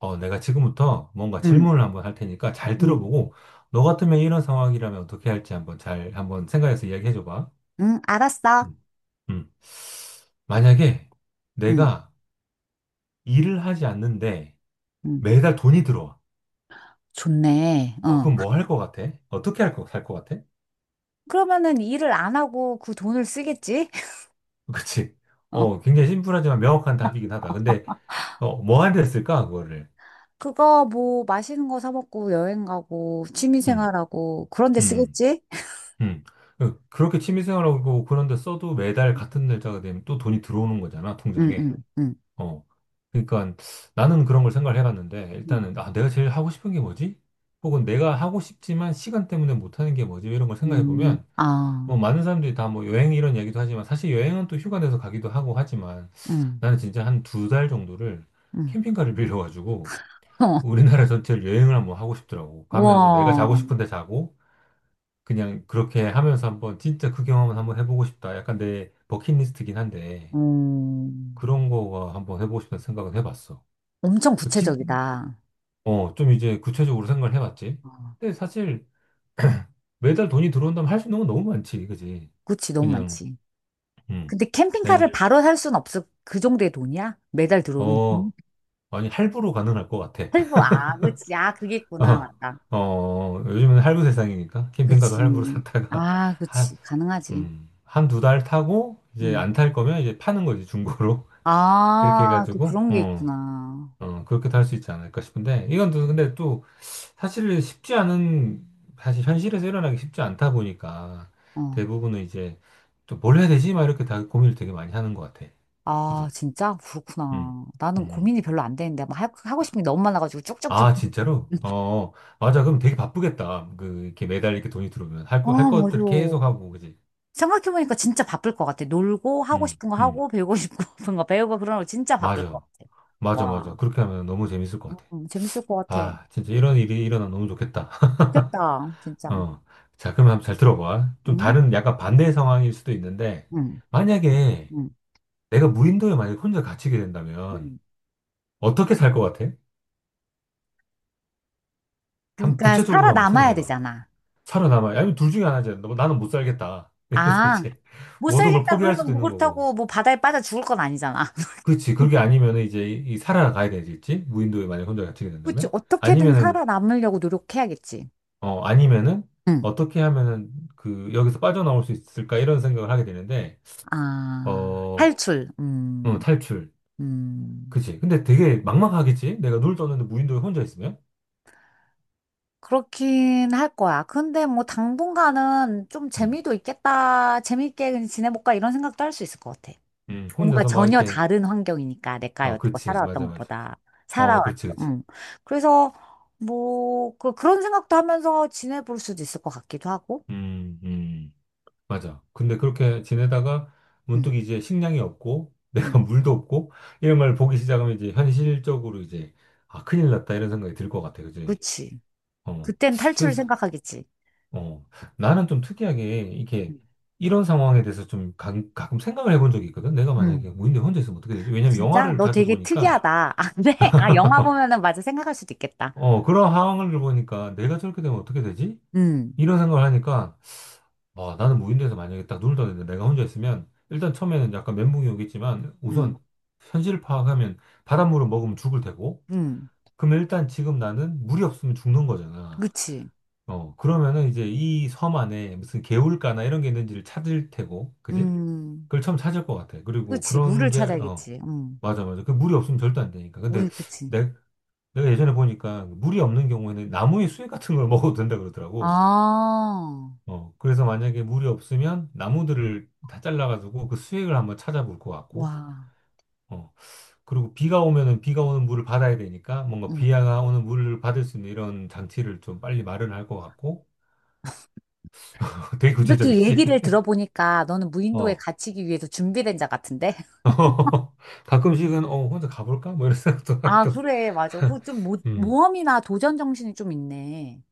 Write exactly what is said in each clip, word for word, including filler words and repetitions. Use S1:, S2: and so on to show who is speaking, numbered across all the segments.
S1: 어, 내가 지금부터 뭔가
S2: 응,
S1: 질문을 한번 할 테니까 잘
S2: 응,
S1: 들어보고, 너 같으면 이런 상황이라면 어떻게 할지 한번 잘, 한번 생각해서 이야기해 줘봐.
S2: 응, 알았어.
S1: 음. 음. 만약에
S2: 응,
S1: 내가 일을 하지 않는데
S2: 응.
S1: 매달 돈이 들어와.
S2: 좋네.
S1: 어,
S2: 어.
S1: 그럼 뭐 할 것 같아? 어떻게 할 거, 살것 같아?
S2: 그러면은 일을 안 하고 그 돈을 쓰겠지?
S1: 그치? 어,
S2: 어.
S1: 굉장히 심플하지만 명확한 답이긴 하다. 근데, 어, 뭐 하는 데 쓸까, 그거를?
S2: 그거 뭐 맛있는 거 사 먹고 여행 가고 취미
S1: 음,
S2: 생활하고 그런 데
S1: 음,
S2: 쓰겠지?
S1: 음. 그- 그렇게 취미생활하고 그런 데 써도 매달 같은 날짜가 되면 또 돈이 들어오는 거잖아,
S2: 응,
S1: 통장에.
S2: 응, 응,
S1: 어. 그러니까 나는 그런 걸 생각을 해봤는데
S2: 응.
S1: 일단은 아, 내가 제일 하고 싶은 게 뭐지? 혹은 내가 하고 싶지만 시간 때문에 못하는 게 뭐지? 이런 걸 생각해
S2: 음,
S1: 보면
S2: 아,
S1: 뭐 많은 사람들이 다 뭐 여행 이런 얘기도 하지만 사실 여행은 또 휴가 내서 가기도 하고 하지만
S2: 응,
S1: 나는 진짜 한 두 달 정도를
S2: 응.
S1: 캠핑카를 빌려가지고 우리나라 전체를 여행을 한번 하고 싶더라고. 가면서 내가
S2: 와,
S1: 자고 싶은데 자고 그냥 그렇게 하면서 한번 진짜 그 경험을 한번 해보고 싶다. 약간 내 버킷리스트긴 한데
S2: 음,
S1: 그런 거가 한번 해보고 싶다는 생각은 해봤어.
S2: 엄청 구체적이다.
S1: 어, 좀 이제 구체적으로 생각을 해봤지.
S2: 어,
S1: 근데 사실 매달 돈이 들어온다면 할 수 있는 건 너무 많지, 그지?
S2: 그치, 너무
S1: 그냥,
S2: 많지.
S1: 음,
S2: 근데
S1: 내가,
S2: 캠핑카를 바로 살 순 없어. 그 정도의 돈이야? 매달 들어오는.
S1: 어, 아니, 할부로 가능할 것 같아.
S2: 헬보, 아, 그치. 아, 그게 있구나.
S1: 어,
S2: 맞다.
S1: 어, 요즘은 할부 세상이니까 캠핑카도
S2: 그치.
S1: 할부로 샀다가
S2: 아,
S1: 한,
S2: 그치. 가능하지.
S1: 음, 한 두 달 타고 이제 안
S2: 응.
S1: 탈 거면 이제 파는 거지, 중고로. 그렇게
S2: 아, 또
S1: 해가지고,
S2: 그런 게
S1: 어,
S2: 있구나.
S1: 어, 그렇게도 할 수 있지 않을까 싶은데, 이건 또 근데 또 사실 쉽지 않은, 사실 현실에서 일어나기 쉽지 않다 보니까
S2: 어.
S1: 대부분은 이제 또 뭘 해야 되지? 막 이렇게 다 고민을 되게 많이 하는 것 같아.
S2: 아,
S1: 그지?
S2: 진짜?
S1: 음,
S2: 그렇구나. 나는
S1: 음.
S2: 고민이 별로 안 되는데. 막 하- 하고 싶은 게 너무 많아가지고 쭉쭉쭉.
S1: 아, 진짜로? 어, 어. 맞아. 그럼 되게 바쁘겠다. 그, 이렇게 매달 이렇게 돈이 들어오면 할
S2: 아,
S1: 거, 할
S2: 맞아.
S1: 것들 계속 하고, 그지?
S2: 생각해보니까 진짜 바쁠 것 같아. 놀고, 하고
S1: 음,
S2: 싶은 거
S1: 음.
S2: 하고, 배우고 싶은 거 배우고, 그런 거 진짜 바쁠 것
S1: 맞아.
S2: 같아.
S1: 맞아, 맞아.
S2: 와.
S1: 그렇게 하면 너무 재밌을 것 같아.
S2: 음, 재밌을 것 같아.
S1: 아, 진짜 이런 일이 일어나면 너무 좋겠다.
S2: 좋겠다. 진짜.
S1: 어. 자, 그럼 한번 잘 들어봐. 좀
S2: 응?
S1: 다른 약간 반대 상황일 수도 있는데,
S2: 응,
S1: 만약에
S2: 응,
S1: 내가 무인도에 만약에 혼자 갇히게 된다면
S2: 응.
S1: 어떻게 살 것 같아? 한번
S2: 그러니까
S1: 구체적으로 한번
S2: 살아남아야
S1: 생각해봐.
S2: 되잖아.
S1: 살아남아. 아니면 둘 중에 하나지. 너, 나는 못 살겠다. 그래서
S2: 아,
S1: 이제
S2: 못
S1: 모든 걸
S2: 살겠다
S1: 포기할 수도
S2: 그러면 뭐
S1: 있는 거고.
S2: 그렇다고 뭐 바다에 빠져 죽을 건 아니잖아.
S1: 그렇지. 그게 아니면 이제 이, 이 살아가야 되겠지. 무인도에 만약에 혼자 갇히게
S2: 그치,
S1: 된다면.
S2: 어떻게든
S1: 아니면은,
S2: 살아남으려고 노력해야겠지.
S1: 어, 아니면은
S2: 응.
S1: 어떻게 하면은 그 여기서 빠져나올 수 있을까? 이런 생각을 하게 되는데,
S2: 아,
S1: 어,
S2: 탈출.
S1: 응,
S2: 음,
S1: 탈출.
S2: 음.
S1: 그치. 근데 되게 막막하겠지? 내가 눈을 떴는데 무인도에 혼자 있으면?
S2: 그렇긴 할 거야. 근데 뭐 당분간은 좀
S1: 음.
S2: 재미도 있겠다. 재밌게 그냥 지내볼까 이런 생각도 할 수 있을 것 같아.
S1: 음,
S2: 뭔가
S1: 혼자서 막
S2: 전혀
S1: 이렇게,
S2: 다른 환경이니까 내가
S1: 어,
S2: 여태껏
S1: 그치.
S2: 살아왔던
S1: 맞아, 맞아.
S2: 것보다
S1: 어,
S2: 살아왔죠.
S1: 그렇지, 그렇지.
S2: 응. 그래서 뭐 그, 그런 생각도 하면서 지내볼 수도 있을 것 같기도 하고.
S1: 음, 음, 맞아. 근데 그렇게 지내다가 문득
S2: 응.
S1: 이제 식량이 없고, 내가
S2: 응.
S1: 물도 없고, 이런 걸 보기 시작하면 이제 현실적으로 이제, 아, 큰일 났다, 이런 생각이 들 것 같아, 그지?
S2: 그치.
S1: 어.
S2: 그땐 탈출을
S1: 그래서,
S2: 생각하겠지.
S1: 어, 나는 좀 특이하게, 이렇게,
S2: 음.
S1: 이런 상황에 대해서 좀 가, 가끔 생각을 해본 적이 있거든? 내가 만약에
S2: 음.
S1: 무인대 혼자 있으면 어떻게 되지?
S2: 아,
S1: 왜냐면
S2: 진짜?
S1: 영화를
S2: 너
S1: 자주
S2: 되게
S1: 보니까,
S2: 특이하다. 아, 네? 아, 영화 보면은 맞아. 생각할 수도 있겠다.
S1: 어, 그런 상황을 보니까 내가 저렇게 되면 어떻게 되지?
S2: 음,
S1: 이런 생각을 하니까, 아, 나는 무인도에서 만약에 딱 눈을 떠는데 내가 혼자 있으면 일단 처음에는 약간 멘붕이 오겠지만
S2: 음,
S1: 우선 현실을 파악하면 바닷물을 먹으면 죽을 테고
S2: 음.
S1: 그러면 일단 지금 나는 물이 없으면 죽는 거잖아.
S2: 그치.
S1: 어, 그러면은 이제 이 섬 안에 무슨 개울가나 이런 게 있는지를 찾을 테고, 그지?
S2: 음.
S1: 그걸 처음 찾을 것 같아. 그리고
S2: 그치.
S1: 그런
S2: 물을
S1: 게, 어,
S2: 찾아야겠지. 음.
S1: 맞아, 맞아. 그 물이 없으면 절대 안 되니까. 근데
S2: 물, 그치.
S1: 내, 내가 예전에 보니까 물이 없는 경우에는 나무의 수액 같은 걸 먹어도 된다 그러더라고.
S2: 아,
S1: 어, 그래서 만약에 물이 없으면 나무들을 다 잘라가지고 그 수액을 한번 찾아볼 것 같고,
S2: 와.
S1: 어, 그리고 비가 오면은 비가 오는 물을 받아야 되니까 뭔가
S2: 음.
S1: 비가 오는 물을 받을 수 있는 이런 장치를 좀 빨리 마련할 것 같고, 되게
S2: 이렇게
S1: 구체적이지?
S2: 얘기를 들어보니까 너는 무인도에
S1: 어.
S2: 갇히기 위해서 준비된 자 같은데?
S1: 가끔씩은, 어, 혼자 가볼까? 뭐 이런 생각도
S2: 아,
S1: 하기도,
S2: 그래. 맞아. 그 좀 모,
S1: 음,
S2: 모험이나 도전 정신이 좀 있네.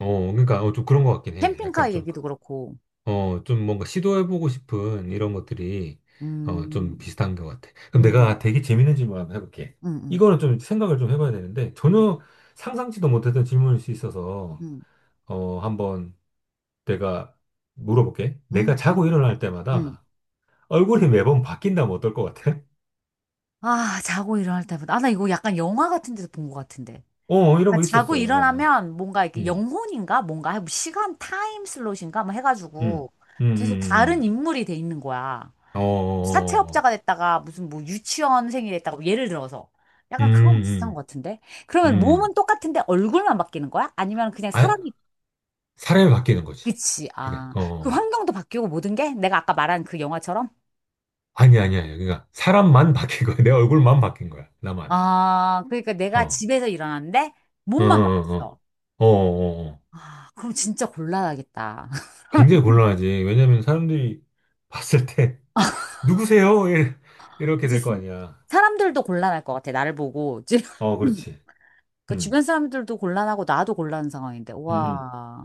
S1: 어, 그러니까, 어, 좀 그런 것 같긴 해. 약간
S2: 캠핑카
S1: 좀 그
S2: 얘기도 그렇고.
S1: 어, 좀 뭔가 시도해보고 싶은 이런 것들이 어,
S2: 음,
S1: 좀 비슷한 것 같아. 그럼 내가
S2: 음.
S1: 되게 재밌는 질문 한번 해볼게.
S2: 응,
S1: 이거는 좀 생각을 좀 해봐야 되는데
S2: 응,
S1: 전혀 상상치도 못했던 질문일 수 있어서
S2: 응,
S1: 어, 한번 내가 물어볼게.
S2: 응,
S1: 내가 자고
S2: 재밌겠다.
S1: 일어날
S2: 응.
S1: 때마다 얼굴이 매번 바뀐다면 어떨 것 같아?
S2: 아, 자고 일어날 때보다. 아, 나 이거 약간 영화 같은 데서 본 것 같은데.
S1: 어, 이런
S2: 나
S1: 거
S2: 자고
S1: 있었어, 영화야.
S2: 일어나면 뭔가 이렇게
S1: 응,
S2: 영혼인가? 뭔가 뭐 시간 타임 슬롯인가? 뭐
S1: 응,
S2: 해가지고
S1: 응,
S2: 계속
S1: 응,
S2: 다른
S1: 응.
S2: 인물이 돼 있는 거야.
S1: 응. 어,
S2: 뭐
S1: 어, 어, 어.
S2: 사채업자가 됐다가 무슨 뭐 유치원생이 됐다가 뭐 예를 들어서. 약간 그거랑 비슷한 것
S1: 음,
S2: 같은데?
S1: 음,
S2: 그러면
S1: 음.
S2: 몸은 똑같은데 얼굴만 바뀌는 거야? 아니면 그냥
S1: 아,
S2: 사람이,
S1: 사람이 바뀌는 거지.
S2: 그치.
S1: 그냥,
S2: 아,
S1: 어.
S2: 그
S1: 어, 어.
S2: 환경도 바뀌고 모든 게? 내가 아까 말한 그 영화처럼?
S1: 아니, 아니, 아니. 그러니까, 사람만 바뀐 거야. 내 얼굴만 바뀐 거야. 나만.
S2: 아, 그러니까 내가
S1: 어,
S2: 집에서 일어났는데
S1: 어,
S2: 몸만
S1: 어, 어.
S2: 바뀌었어.
S1: 어, 어, 어. 어.
S2: 아, 그럼 진짜 곤란하겠다.
S1: 굉장히 곤란하지. 왜냐면 사람들이 봤을 때, 누구세요? 이- 이렇게 될 거
S2: 진짜
S1: 아니야.
S2: 사람들도 곤란할 것 같아, 나를 보고. 지금
S1: 어, 그렇지.
S2: 그 주변
S1: 음,
S2: 사람들도 곤란하고 나도 곤란한 상황인데,
S1: 음, 음.
S2: 와.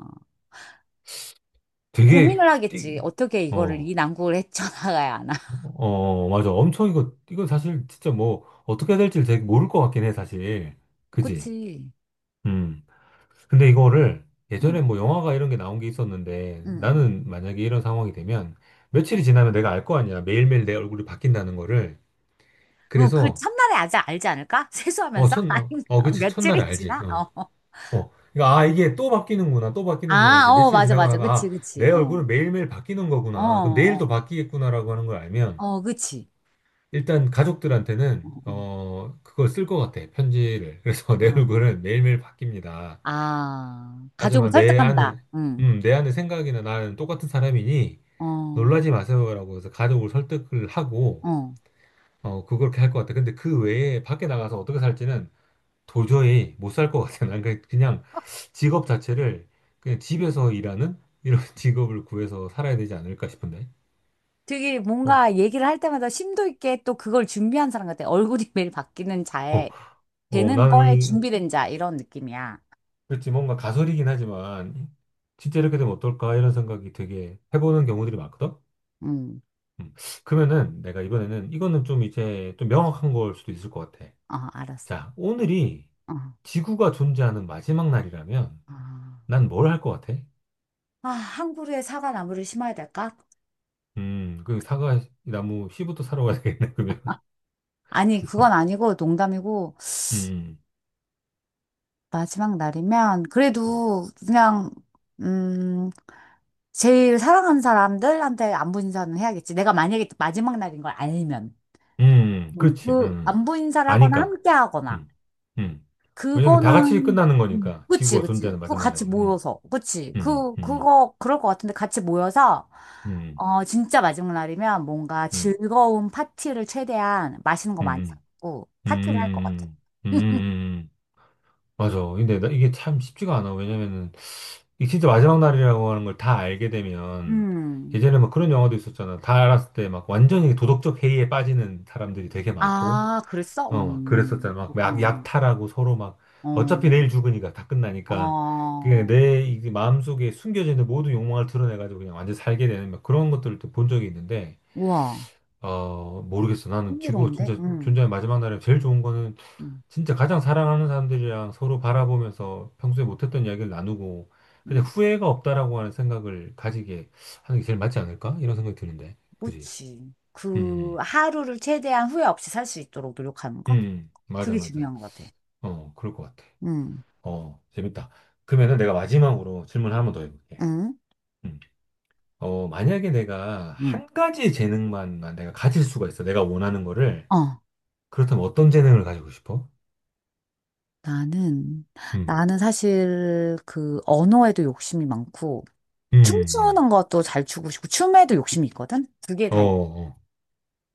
S1: 되게,
S2: 고민을 하겠지.
S1: 띠,
S2: 어떻게 이거를, 이
S1: 어,
S2: 난국을 헤쳐나가야 하나.
S1: 어, 맞아. 엄청 이거, 이거 사실 진짜 뭐, 어떻게 해야 될지 되게 모를 것 같긴 해, 사실. 그지?
S2: 그치.
S1: 음. 근데 이거를 예전에
S2: 응,
S1: 뭐 영화가 이런 게 나온 게 있었는데
S2: 응, 응.
S1: 나는 만약에 이런 상황이 되면 며칠이 지나면 내가 알 거 아니야. 매일매일 내 얼굴이 바뀐다는 거를.
S2: 뭐, 그
S1: 그래서
S2: 첫날에 아직 알지 않을까?
S1: 어,
S2: 세수하면서?
S1: 첫, 어, 어,
S2: 아니,
S1: 그치. 첫날에
S2: 며칠이
S1: 알지.
S2: 지나?
S1: 어,
S2: 어.
S1: 어. 그러니까 아, 이게 또 바뀌는구나. 또 바뀌는구나.
S2: 아,
S1: 이제
S2: 어,
S1: 며칠이
S2: 맞아,
S1: 지나고
S2: 맞아.
S1: 나면 아,
S2: 그치, 그치.
S1: 내
S2: 어,
S1: 얼굴은 매일매일 바뀌는
S2: 어,
S1: 거구나. 그럼 내일도
S2: 어,
S1: 바뀌겠구나라고 하는 걸 알면
S2: 어, 그치.
S1: 일단
S2: 어,
S1: 가족들한테는
S2: 어.
S1: 어, 그걸 쓸 것 같아. 편지를. 그래서 내
S2: 아.
S1: 얼굴은 매일매일 바뀝니다.
S2: 아, 가족을
S1: 하지만 내 안에,
S2: 설득한다. 응.
S1: 음, 내 안에 생각이나 나는 똑같은 사람이니
S2: 어,
S1: 놀라지 마세요라고 해서 가족을 설득을 하고,
S2: 어.
S1: 어, 그걸 그렇게 할 것 같아. 근데 그 외에 밖에 나가서 어떻게 살지는 도저히 못 살 것 같아. 난 그냥 그냥 직업 자체를 그냥 집에서 일하는 이런 직업을 구해서 살아야 되지 않을까 싶은데.
S2: 되게
S1: 어,
S2: 뭔가 얘기를 할 때마다 심도 있게 또 그걸 준비한 사람 같아. 얼굴이 매일 바뀌는
S1: 어,
S2: 자에,
S1: 어,
S2: 되는
S1: 나는
S2: 거에
S1: 이,
S2: 준비된 자, 이런 느낌이야.
S1: 그렇지, 뭔가 가설이긴 하지만 진짜 이렇게 되면 어떨까 이런 생각이 되게 해보는 경우들이 많거든.
S2: 응.
S1: 음. 그러면은 내가 이번에는 이거는 좀 이제 좀 명확한 걸 수도 있을 것 같아.
S2: 어, 알았어.
S1: 자, 오늘이
S2: 어.
S1: 지구가 존재하는 마지막 날이라면
S2: 아,
S1: 난 뭘 할 것 같아?
S2: 아, 항구루에 사과나무를 심어야 될까?
S1: 음, 그 사과 나무 씨부터 사러 가야 되겠네, 그러면.
S2: 아니, 그건 아니고 농담이고,
S1: 음,
S2: 마지막 날이면, 그래도 그냥, 음, 제일 사랑하는 사람들한테 안부 인사는 해야겠지. 내가 만약에 마지막 날인 걸 알면.
S1: 음, 음,
S2: 음,
S1: 그렇지.
S2: 그,
S1: 음.
S2: 안부 인사를 하거나
S1: 아니까.
S2: 함께 하거나.
S1: 음, 음. 왜냐면 다 같이
S2: 그거는,
S1: 끝나는
S2: 음,
S1: 거니까
S2: 그치,
S1: 지구가
S2: 그치.
S1: 존재하는
S2: 그거
S1: 마지막 날이.
S2: 같이
S1: 음,
S2: 모여서. 그치.
S1: 음,
S2: 그,
S1: 음,
S2: 그거, 그럴 것 같은데 같이 모여서,
S1: 음,
S2: 어, 진짜 마지막 날이면 뭔가
S1: 음,
S2: 즐거운 파티를 최대한 맛있는 거 많이
S1: 음,
S2: 잡고
S1: 음,
S2: 파티를 할 것 같아.
S1: 음, 음, 음, 음, 음. 음. 맞아. 근데 나 이게 참 쉽지가 않아. 왜냐면은 이 진짜 마지막 날이라고 하는 걸 다 알게 되면
S2: 음.
S1: 예전에 막 그런 영화도 있었잖아. 다 알았을 때 막 완전히 도덕적 해이에 빠지는 사람들이 되게 많고,
S2: 아, 그랬어?
S1: 어, 막 그랬었잖아.
S2: 음,
S1: 막 약,
S2: 그렇구나.
S1: 약탈하고 서로 막
S2: 어,
S1: 어차피 내일 죽으니까 다 끝나니까 그
S2: 어,
S1: 내 이게 마음속에 숨겨져 있는 모든 욕망을 드러내가지고 그냥 완전 살게 되는 막 그런 것들을 또 본 적이 있는데,
S2: 우와.
S1: 어, 모르겠어. 나는 지금
S2: 흥미로운데?
S1: 진짜
S2: 음,
S1: 존재의 마지막 날에 제일 좋은 거는
S2: 음,
S1: 진짜 가장 사랑하는 사람들이랑 서로 바라보면서 평소에 못했던 이야기를 나누고, 근데
S2: 음.
S1: 후회가 없다라고 하는 생각을 가지게 하는 게 제일 맞지 않을까? 이런 생각이 드는데. 그지?
S2: 그치. 그
S1: 음,
S2: 하루를 최대한 후회 없이 살 수 있도록 노력하는 거?
S1: 음, 맞아,
S2: 그게
S1: 맞아.
S2: 중요한 것 같아.
S1: 어, 그럴 것 같아.
S2: 응,
S1: 어, 재밌다. 그러면은 내가 마지막으로 질문 을 하나 더 해볼게.
S2: 응,
S1: 음. 어, 만약에 내가
S2: 응.
S1: 한 가지 재능만 내가 가질 수가 있어. 내가 원하는 거를.
S2: 어,
S1: 그렇다면 어떤 재능을 가지고 싶어?
S2: 나는,
S1: 음,
S2: 나는 사실 그 언어에도 욕심이 많고,
S1: 음, 음.
S2: 춤추는 것도 잘 추고 싶고, 춤에도 욕심이 있거든? 두 개
S1: 어,
S2: 다. 있-
S1: 어.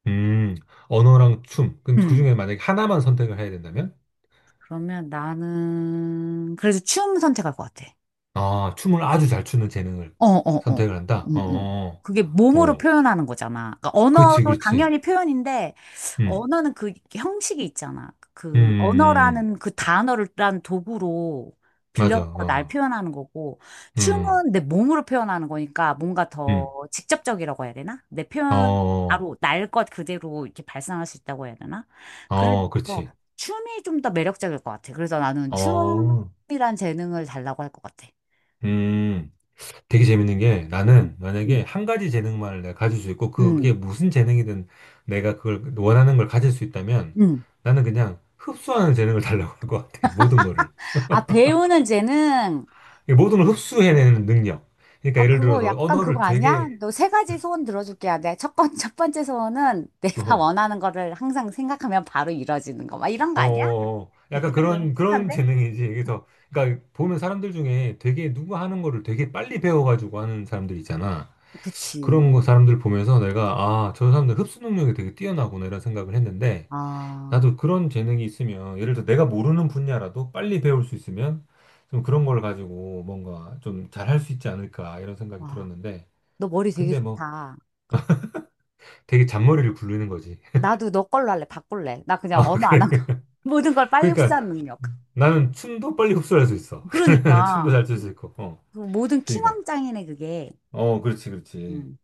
S1: 음, 언어랑 춤. 그럼 그중에
S2: 응.
S1: 만약에 하나만 선택을 해야 된다면?
S2: 그러면 나는, 그래서 춤 선택할 것 같아.
S1: 아, 춤을 아주 잘 추는 재능을
S2: 어, 어, 어.
S1: 선택을 한다? 어,
S2: 응, 응. 그게
S1: 어.
S2: 몸으로
S1: 어.
S2: 표현하는 거잖아. 그러니까
S1: 그렇지,
S2: 언어도
S1: 그렇지.
S2: 당연히 표현인데,
S1: 음,
S2: 언어는 그 형식이 있잖아.
S1: 음, 음,
S2: 그
S1: 음.
S2: 언어라는 그 단어를 란 도구로
S1: 맞아.
S2: 빌려서 날
S1: 어,
S2: 표현하는 거고,
S1: 음,
S2: 춤은 내 몸으로 표현하는 거니까 뭔가 더
S1: 음,
S2: 직접적이라고 해야 되나? 내
S1: 어,
S2: 표현,
S1: 어,
S2: 바로 날 것 그대로 이렇게 발산할 수 있다고 해야 되나?
S1: 어,
S2: 그래서
S1: 그렇지.
S2: 춤이 좀 더 매력적일 것 같아. 그래서 나는
S1: 어,
S2: 춤이란 재능을 달라고 할 것 같아.
S1: 음. 되게 재밌는 게 나는
S2: 음,
S1: 만약에
S2: 음,
S1: 한 가지 재능만을 내가 가질 수 있고 그게
S2: 음.
S1: 무슨 재능이든 내가 그걸 원하는 걸 가질 수 있다면
S2: 음.
S1: 나는 그냥 흡수하는 재능을 달라고 할 것 같아. 모든 거를.
S2: 아, 배우는 재능.
S1: 이 모든 걸 흡수해내는 능력. 그러니까
S2: 아,
S1: 예를
S2: 그거
S1: 들어서
S2: 약간
S1: 언어를
S2: 그거 아니야?
S1: 되게
S2: 너 세 가지 소원 들어줄게. 야, 내 첫, 번, 첫 번째 소원은
S1: 어,
S2: 내가
S1: 어,
S2: 원하는 거를 항상 생각하면 바로 이루어지는 거. 막 이런 거 아니야?
S1: 어, 약간 그런 그런
S2: 그런데?
S1: 재능이지. 그래서 그러니까 보면 사람들 중에 되게 누구 하는 거를 되게 빨리 배워가지고 하는 사람들 있잖아. 그런 거
S2: 그치.
S1: 사람들 보면서 내가 아, 저 사람들 흡수 능력이 되게 뛰어나구나 이런 생각을 했는데
S2: 아,
S1: 나도 그런 재능이 있으면 예를 들어 내가 모르는 분야라도 빨리 배울 수 있으면 좀 그런 걸 가지고 뭔가 좀 잘할 수 있지 않을까 이런 생각이
S2: 와.
S1: 들었는데
S2: 너 머리 되게
S1: 근데 뭐
S2: 좋다.
S1: 되게 잔머리를 굴리는 거지.
S2: 나도 너 걸로 할래. 바꿀래. 나 그냥
S1: 아,
S2: 언어 안 하고
S1: 그래.
S2: 모든 걸 빨리
S1: 그러니까
S2: 흡수하는 능력.
S1: 나는 춤도 빨리 흡수할 수 있어. 춤도
S2: 그러니까.
S1: 잘 출 수 있고. 어.
S2: 그 모든
S1: 그러니까.
S2: 킹왕짱이네, 그게.
S1: 어, 그렇지, 그렇지.
S2: 음.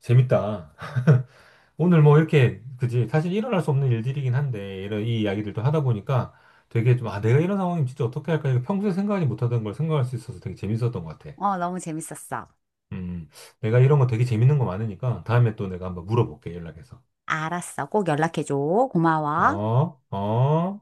S1: 재밌다. 오늘 뭐 이렇게, 그지? 사실 일어날 수 없는 일들이긴 한데, 이런 이 이야기들도 하다 보니까 되게 좀, 아, 내가 이런 상황이면 진짜 어떻게 할까? 이거 평소에 생각하지 못하던 걸 생각할 수 있어서 되게 재밌었던 것 같아.
S2: 어, 너무 재밌었어.
S1: 음, 내가 이런 거 되게 재밌는 거 많으니까 다음에 또 내가 한번 물어볼게, 연락해서.
S2: 알았어. 꼭 연락해줘. 고마워.
S1: 어, 어.